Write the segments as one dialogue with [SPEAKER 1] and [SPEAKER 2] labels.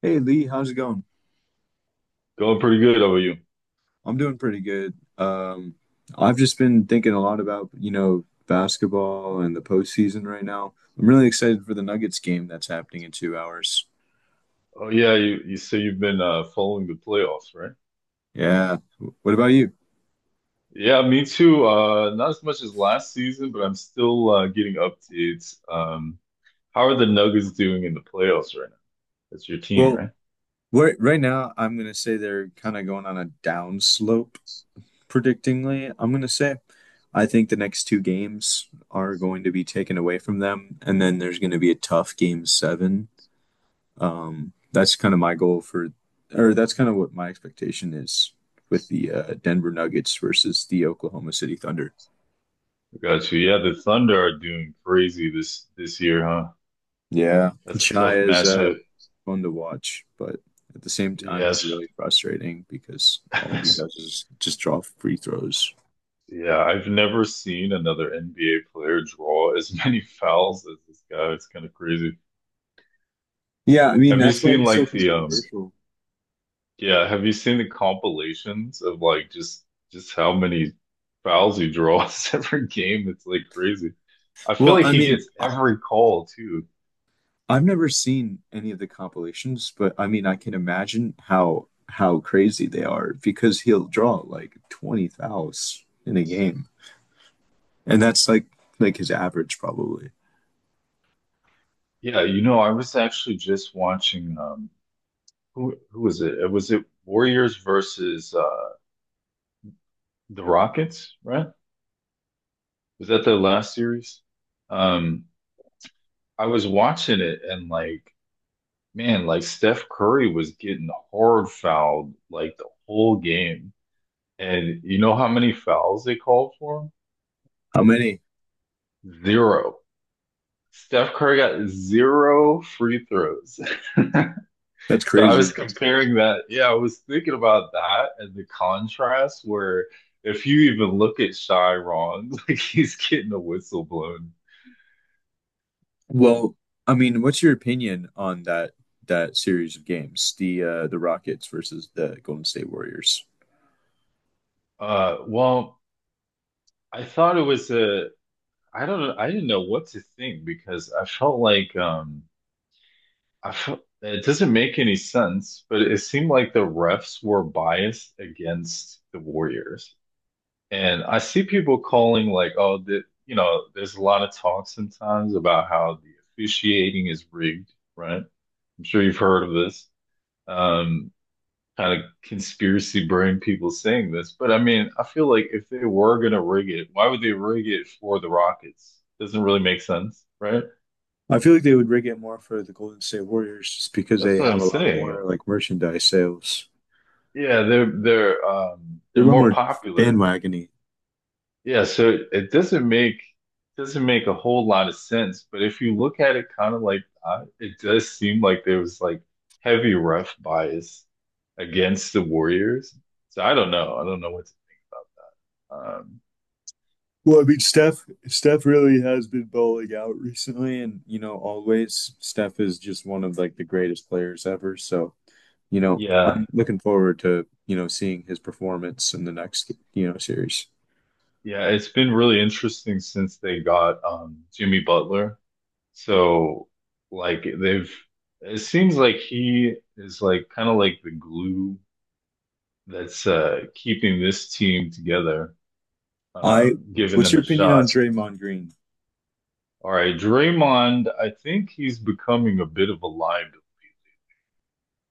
[SPEAKER 1] Hey Lee, how's it going?
[SPEAKER 2] Going pretty good. How about you?
[SPEAKER 1] I'm doing pretty good. I've just been thinking a lot about, basketball and the postseason right now. I'm really excited for the Nuggets game that's happening in 2 hours.
[SPEAKER 2] Oh yeah, you say you've been following the playoffs, right?
[SPEAKER 1] Yeah. What about you?
[SPEAKER 2] Yeah, me too. Not as much as last season, but I'm still getting updates. How are the Nuggets doing in the playoffs right now? That's your team,
[SPEAKER 1] Well,
[SPEAKER 2] right?
[SPEAKER 1] right, right now, I'm gonna say they're kind of going on a down slope, predictingly. I'm gonna say I think the next two games are going to be taken away from them, and then there's going to be a tough game seven. That's kind of my goal for, or that's kind of what my expectation is with the Denver Nuggets versus the Oklahoma City Thunder.
[SPEAKER 2] I got you. Yeah, the Thunder are doing crazy this year, huh?
[SPEAKER 1] Yeah,
[SPEAKER 2] That's a
[SPEAKER 1] Shai
[SPEAKER 2] tough
[SPEAKER 1] is
[SPEAKER 2] matchup.
[SPEAKER 1] fun to watch, but at the same time, he's
[SPEAKER 2] Yes.
[SPEAKER 1] really frustrating because all he does is just draw free throws.
[SPEAKER 2] Yeah, I've never seen another NBA player draw as many fouls as this guy. It's kind of crazy.
[SPEAKER 1] Yeah, I mean
[SPEAKER 2] Have you
[SPEAKER 1] that's why
[SPEAKER 2] seen
[SPEAKER 1] he's so
[SPEAKER 2] like the
[SPEAKER 1] controversial.
[SPEAKER 2] Yeah, have you seen the compilations of like just how many fouls he draws every game? It's like crazy. I feel
[SPEAKER 1] Well,
[SPEAKER 2] like
[SPEAKER 1] I
[SPEAKER 2] he
[SPEAKER 1] mean,
[SPEAKER 2] gets every call too.
[SPEAKER 1] I've never seen any of the compilations, but I mean, I can imagine how crazy they are because he'll draw like 20 fouls in a game. And that's like his average probably.
[SPEAKER 2] Yeah, I was actually just watching who was it? Was it Warriors versus the Rockets, right? Was that their last series? Um I was watching it and like man, like Steph Curry was getting hard fouled like the whole game. And you know how many fouls they called for him?
[SPEAKER 1] How many?
[SPEAKER 2] Zero. Steph Curry got zero free throws.
[SPEAKER 1] That's
[SPEAKER 2] So I was
[SPEAKER 1] crazy.
[SPEAKER 2] comparing that. Yeah, I was thinking about that and the contrast where if you even look at Chiron, like he's getting a whistle blown.
[SPEAKER 1] Well, I mean, what's your opinion on that series of games, the Rockets versus the Golden State Warriors?
[SPEAKER 2] Uh, well, I thought I don't know, I didn't know what to think because I felt like I felt it doesn't make any sense, but it seemed like the refs were biased against the Warriors. And I see people calling like, oh, you know, there's a lot of talk sometimes about how the officiating is rigged, right? I'm sure you've heard of this. Um, kind of conspiracy brain people saying this, but I mean, I feel like if they were gonna rig it, why would they rig it for the Rockets? Doesn't really make sense, right?
[SPEAKER 1] I feel like they would rig it more for the Golden State Warriors just because
[SPEAKER 2] That's
[SPEAKER 1] they
[SPEAKER 2] what
[SPEAKER 1] have
[SPEAKER 2] I'm
[SPEAKER 1] a lot
[SPEAKER 2] saying.
[SPEAKER 1] more like merchandise sales.
[SPEAKER 2] Yeah, they're
[SPEAKER 1] They're
[SPEAKER 2] they're
[SPEAKER 1] a lot
[SPEAKER 2] more
[SPEAKER 1] more
[SPEAKER 2] popular.
[SPEAKER 1] bandwagony.
[SPEAKER 2] Yeah, so it doesn't make a whole lot of sense, but if you look at it kind of like it does seem like there was like heavy ref bias against the Warriors. So I don't know. I don't know what's um
[SPEAKER 1] Well, I mean, Steph really has been bowling out recently, and always Steph is just one of like the greatest players ever. So
[SPEAKER 2] yeah.
[SPEAKER 1] I'm looking forward to, seeing his performance in the next, series.
[SPEAKER 2] Yeah, it's been really interesting since they got Jimmy Butler. So like they've it seems like he is like kind of like the glue that's keeping this team together,
[SPEAKER 1] I,
[SPEAKER 2] giving
[SPEAKER 1] what's
[SPEAKER 2] them
[SPEAKER 1] your
[SPEAKER 2] a
[SPEAKER 1] opinion
[SPEAKER 2] shot.
[SPEAKER 1] on Draymond Green?
[SPEAKER 2] All right, Draymond, I think he's becoming a bit of a liability.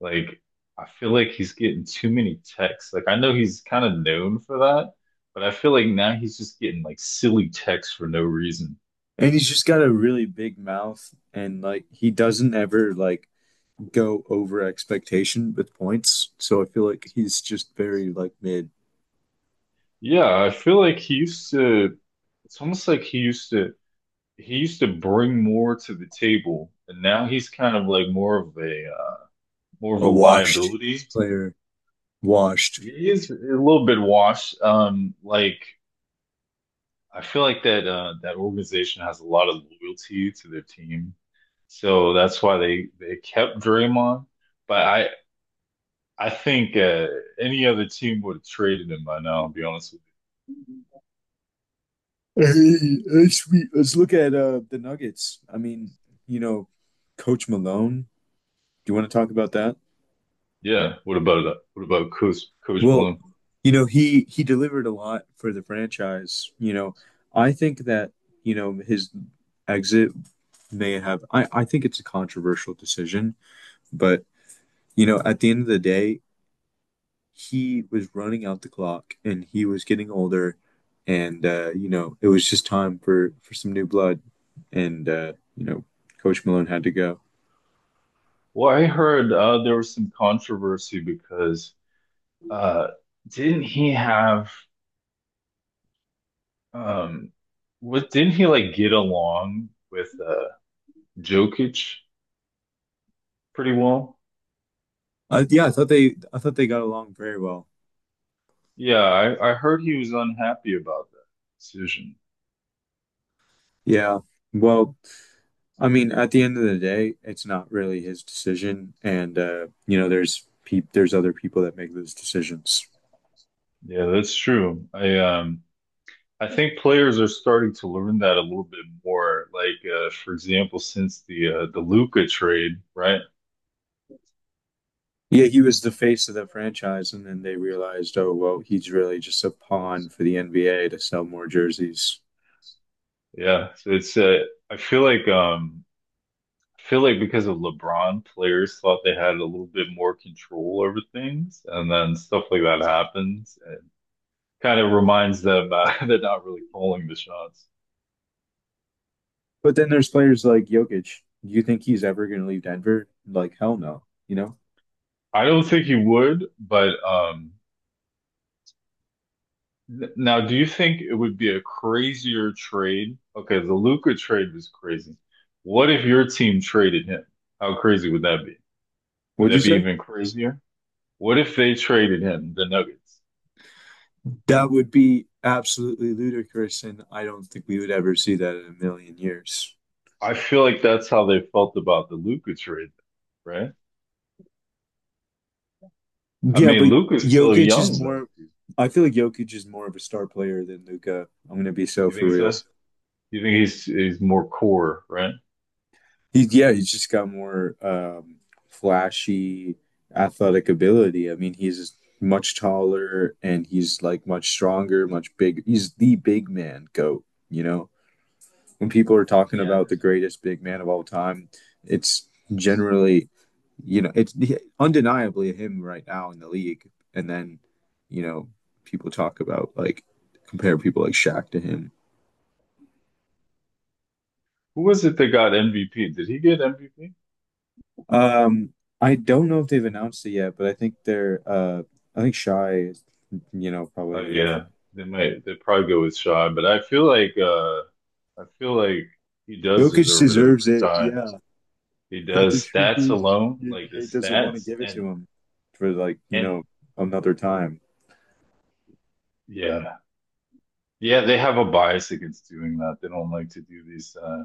[SPEAKER 2] Like, I feel like he's getting too many texts. Like, I know he's kind of known for that, but I feel like now he's just getting like silly texts for no reason.
[SPEAKER 1] And he's just got a really big mouth and like he doesn't ever like go over expectation with points. So I feel like he's just very like mid,
[SPEAKER 2] Yeah, I feel like he used to, it's almost like he used to bring more to the table, and now he's kind of like more of more of
[SPEAKER 1] a
[SPEAKER 2] a
[SPEAKER 1] washed
[SPEAKER 2] liability.
[SPEAKER 1] player, washed.
[SPEAKER 2] He is a little bit washed. Like, I feel like that that organization has a lot of loyalty to their team, so that's why they kept Draymond. But I think any other team would have traded him by now. I'll be honest with
[SPEAKER 1] Hey, hey, sweet. Let's look at the Nuggets. I mean, you know, Coach Malone. Do you want to talk about that?
[SPEAKER 2] you. Yeah. What about Coach
[SPEAKER 1] Well,
[SPEAKER 2] Malone?
[SPEAKER 1] he delivered a lot for the franchise. You know, I think that, his exit may have I think it's a controversial decision, but at the end of the day, he was running out the clock and he was getting older and you know it was just time for some new blood and you know coach malone had to go.
[SPEAKER 2] Well, I heard there was some controversy because uh, didn't he have um what didn't he like get along with Jokic pretty well?
[SPEAKER 1] Yeah I thought they got along very well.
[SPEAKER 2] Yeah, I heard he was unhappy about that decision.
[SPEAKER 1] Yeah, well, I mean, at the end of the day, it's not really his decision, and you know, there's other people that make those decisions.
[SPEAKER 2] Yeah, that's true. I think players are starting to learn that a little bit more. Like for example, since the Luka trade, right?
[SPEAKER 1] Yeah, he was the face of the franchise, and then they realized, oh, well, he's really just a pawn for the NBA to sell more jerseys.
[SPEAKER 2] Yeah, so it's I feel like I feel like because of LeBron, players thought they had a little bit more control over things, and then stuff like that happens, and kind of reminds them they're not really calling the shots.
[SPEAKER 1] But then there's players like Jokic. Do you think he's ever going to leave Denver? Like, hell no. You know?
[SPEAKER 2] I don't think he would, but. N- Now, do you think it would be a crazier trade? Okay, the Luca trade was crazy. What if your team traded him? How crazy would that be? Would
[SPEAKER 1] What'd you
[SPEAKER 2] that be
[SPEAKER 1] say?
[SPEAKER 2] even crazier? What if they traded him, the Nuggets?
[SPEAKER 1] That would be absolutely ludicrous, and I don't think we would ever see that in a million years.
[SPEAKER 2] I feel like that's how they felt about the Luca trade, right? I
[SPEAKER 1] Yeah,
[SPEAKER 2] mean,
[SPEAKER 1] but
[SPEAKER 2] Luca's still
[SPEAKER 1] Jokic
[SPEAKER 2] young
[SPEAKER 1] is more.
[SPEAKER 2] though.
[SPEAKER 1] I feel like Jokic is more of a star player than Luca. I'm gonna be so
[SPEAKER 2] You
[SPEAKER 1] for
[SPEAKER 2] think so?
[SPEAKER 1] real.
[SPEAKER 2] You think he's more core, right?
[SPEAKER 1] He's he's just got more flashy athletic ability. I mean, he's much taller and he's like much stronger, much bigger. He's the big man goat, you know. When people are talking
[SPEAKER 2] Yeah.
[SPEAKER 1] about the greatest big man of all time, it's generally, you know, it's undeniably him right now in the league. And then, you know, people talk about like compare people like Shaq to him.
[SPEAKER 2] Who was it that got MVP? Did he get MVP?
[SPEAKER 1] Um, I don't know if they've announced it yet, but I think I think Shy is, you know, probably
[SPEAKER 2] Oh
[SPEAKER 1] going to get it.
[SPEAKER 2] yeah, they probably go with Shy, but I feel like I feel like he does
[SPEAKER 1] Jokic
[SPEAKER 2] deserve it
[SPEAKER 1] deserves
[SPEAKER 2] over
[SPEAKER 1] it.
[SPEAKER 2] Shy.
[SPEAKER 1] Yeah.
[SPEAKER 2] He
[SPEAKER 1] But the
[SPEAKER 2] does
[SPEAKER 1] truth
[SPEAKER 2] stats
[SPEAKER 1] is,
[SPEAKER 2] alone,
[SPEAKER 1] the
[SPEAKER 2] like the
[SPEAKER 1] NBA doesn't want to
[SPEAKER 2] stats
[SPEAKER 1] give it to him for like, you
[SPEAKER 2] and
[SPEAKER 1] know, another time.
[SPEAKER 2] yeah. Yeah, they have a bias against doing that. They don't like to do these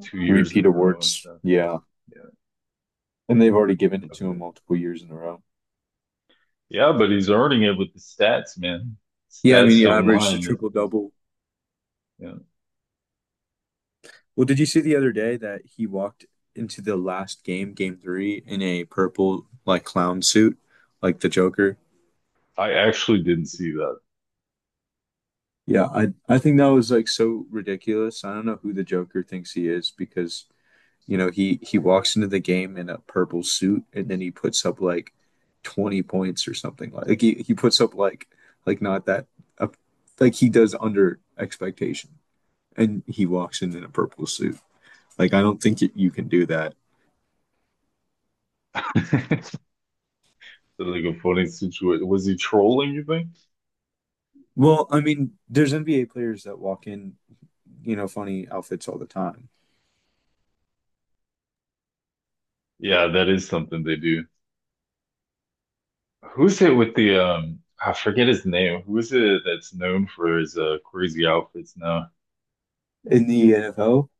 [SPEAKER 2] 2 years in
[SPEAKER 1] Repeat
[SPEAKER 2] a row and
[SPEAKER 1] awards.
[SPEAKER 2] stuff.
[SPEAKER 1] Yeah.
[SPEAKER 2] Yeah.
[SPEAKER 1] And they've already given it
[SPEAKER 2] of
[SPEAKER 1] to him
[SPEAKER 2] the-
[SPEAKER 1] multiple years in a row.
[SPEAKER 2] Yeah, but he's earning it with the stats, man.
[SPEAKER 1] Yeah, I mean,
[SPEAKER 2] Stats
[SPEAKER 1] he
[SPEAKER 2] don't lie
[SPEAKER 1] averaged a
[SPEAKER 2] in this
[SPEAKER 1] triple
[SPEAKER 2] game.
[SPEAKER 1] double.
[SPEAKER 2] Yeah.
[SPEAKER 1] Well, did you see the other day that he walked into the last game, game three, in a purple like clown suit, like the Joker?
[SPEAKER 2] I actually didn't see
[SPEAKER 1] Yeah, I think that was like so ridiculous. I don't know who the Joker thinks he is because, you know, he walks into the game in a purple suit and then he puts up like 20 points or something like, like he puts up like not that up like he does under expectation. And he walks in a purple suit. Like I don't think it, you can do that.
[SPEAKER 2] that. Like a funny situation. Was he trolling, you think?
[SPEAKER 1] Well, I mean, there's NBA players that walk in, you know, funny outfits all the time.
[SPEAKER 2] Yeah, that is something they do. Who's it with the I forget his name. Who is it that's known for his crazy outfits now?
[SPEAKER 1] In the NFL,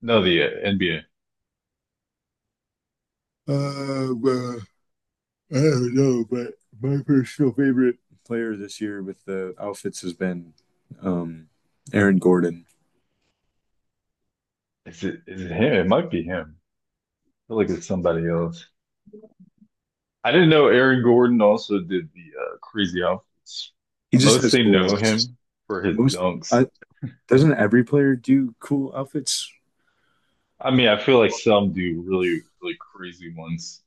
[SPEAKER 2] No, the NBA.
[SPEAKER 1] Well, I don't know, but my personal favorite player this year with the outfits has been um, Aaron Gordon.
[SPEAKER 2] Is it him? It might be him. I feel like it's somebody else. I didn't know Aaron Gordon also did the crazy outfits.
[SPEAKER 1] He
[SPEAKER 2] I
[SPEAKER 1] just has
[SPEAKER 2] mostly
[SPEAKER 1] cool
[SPEAKER 2] know him
[SPEAKER 1] ones.
[SPEAKER 2] for his
[SPEAKER 1] Most
[SPEAKER 2] dunks.
[SPEAKER 1] I, doesn't every player do cool outfits?
[SPEAKER 2] I mean, I feel like some do really, really crazy ones.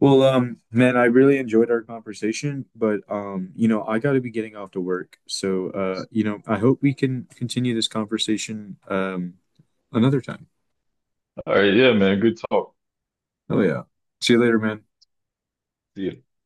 [SPEAKER 1] Well, man, I really enjoyed our conversation, but you know, I got to be getting off to work. So, you know, I hope we can continue this conversation another time.
[SPEAKER 2] All right, yeah, man. Good talk.
[SPEAKER 1] Oh yeah. See you later, man.
[SPEAKER 2] See you.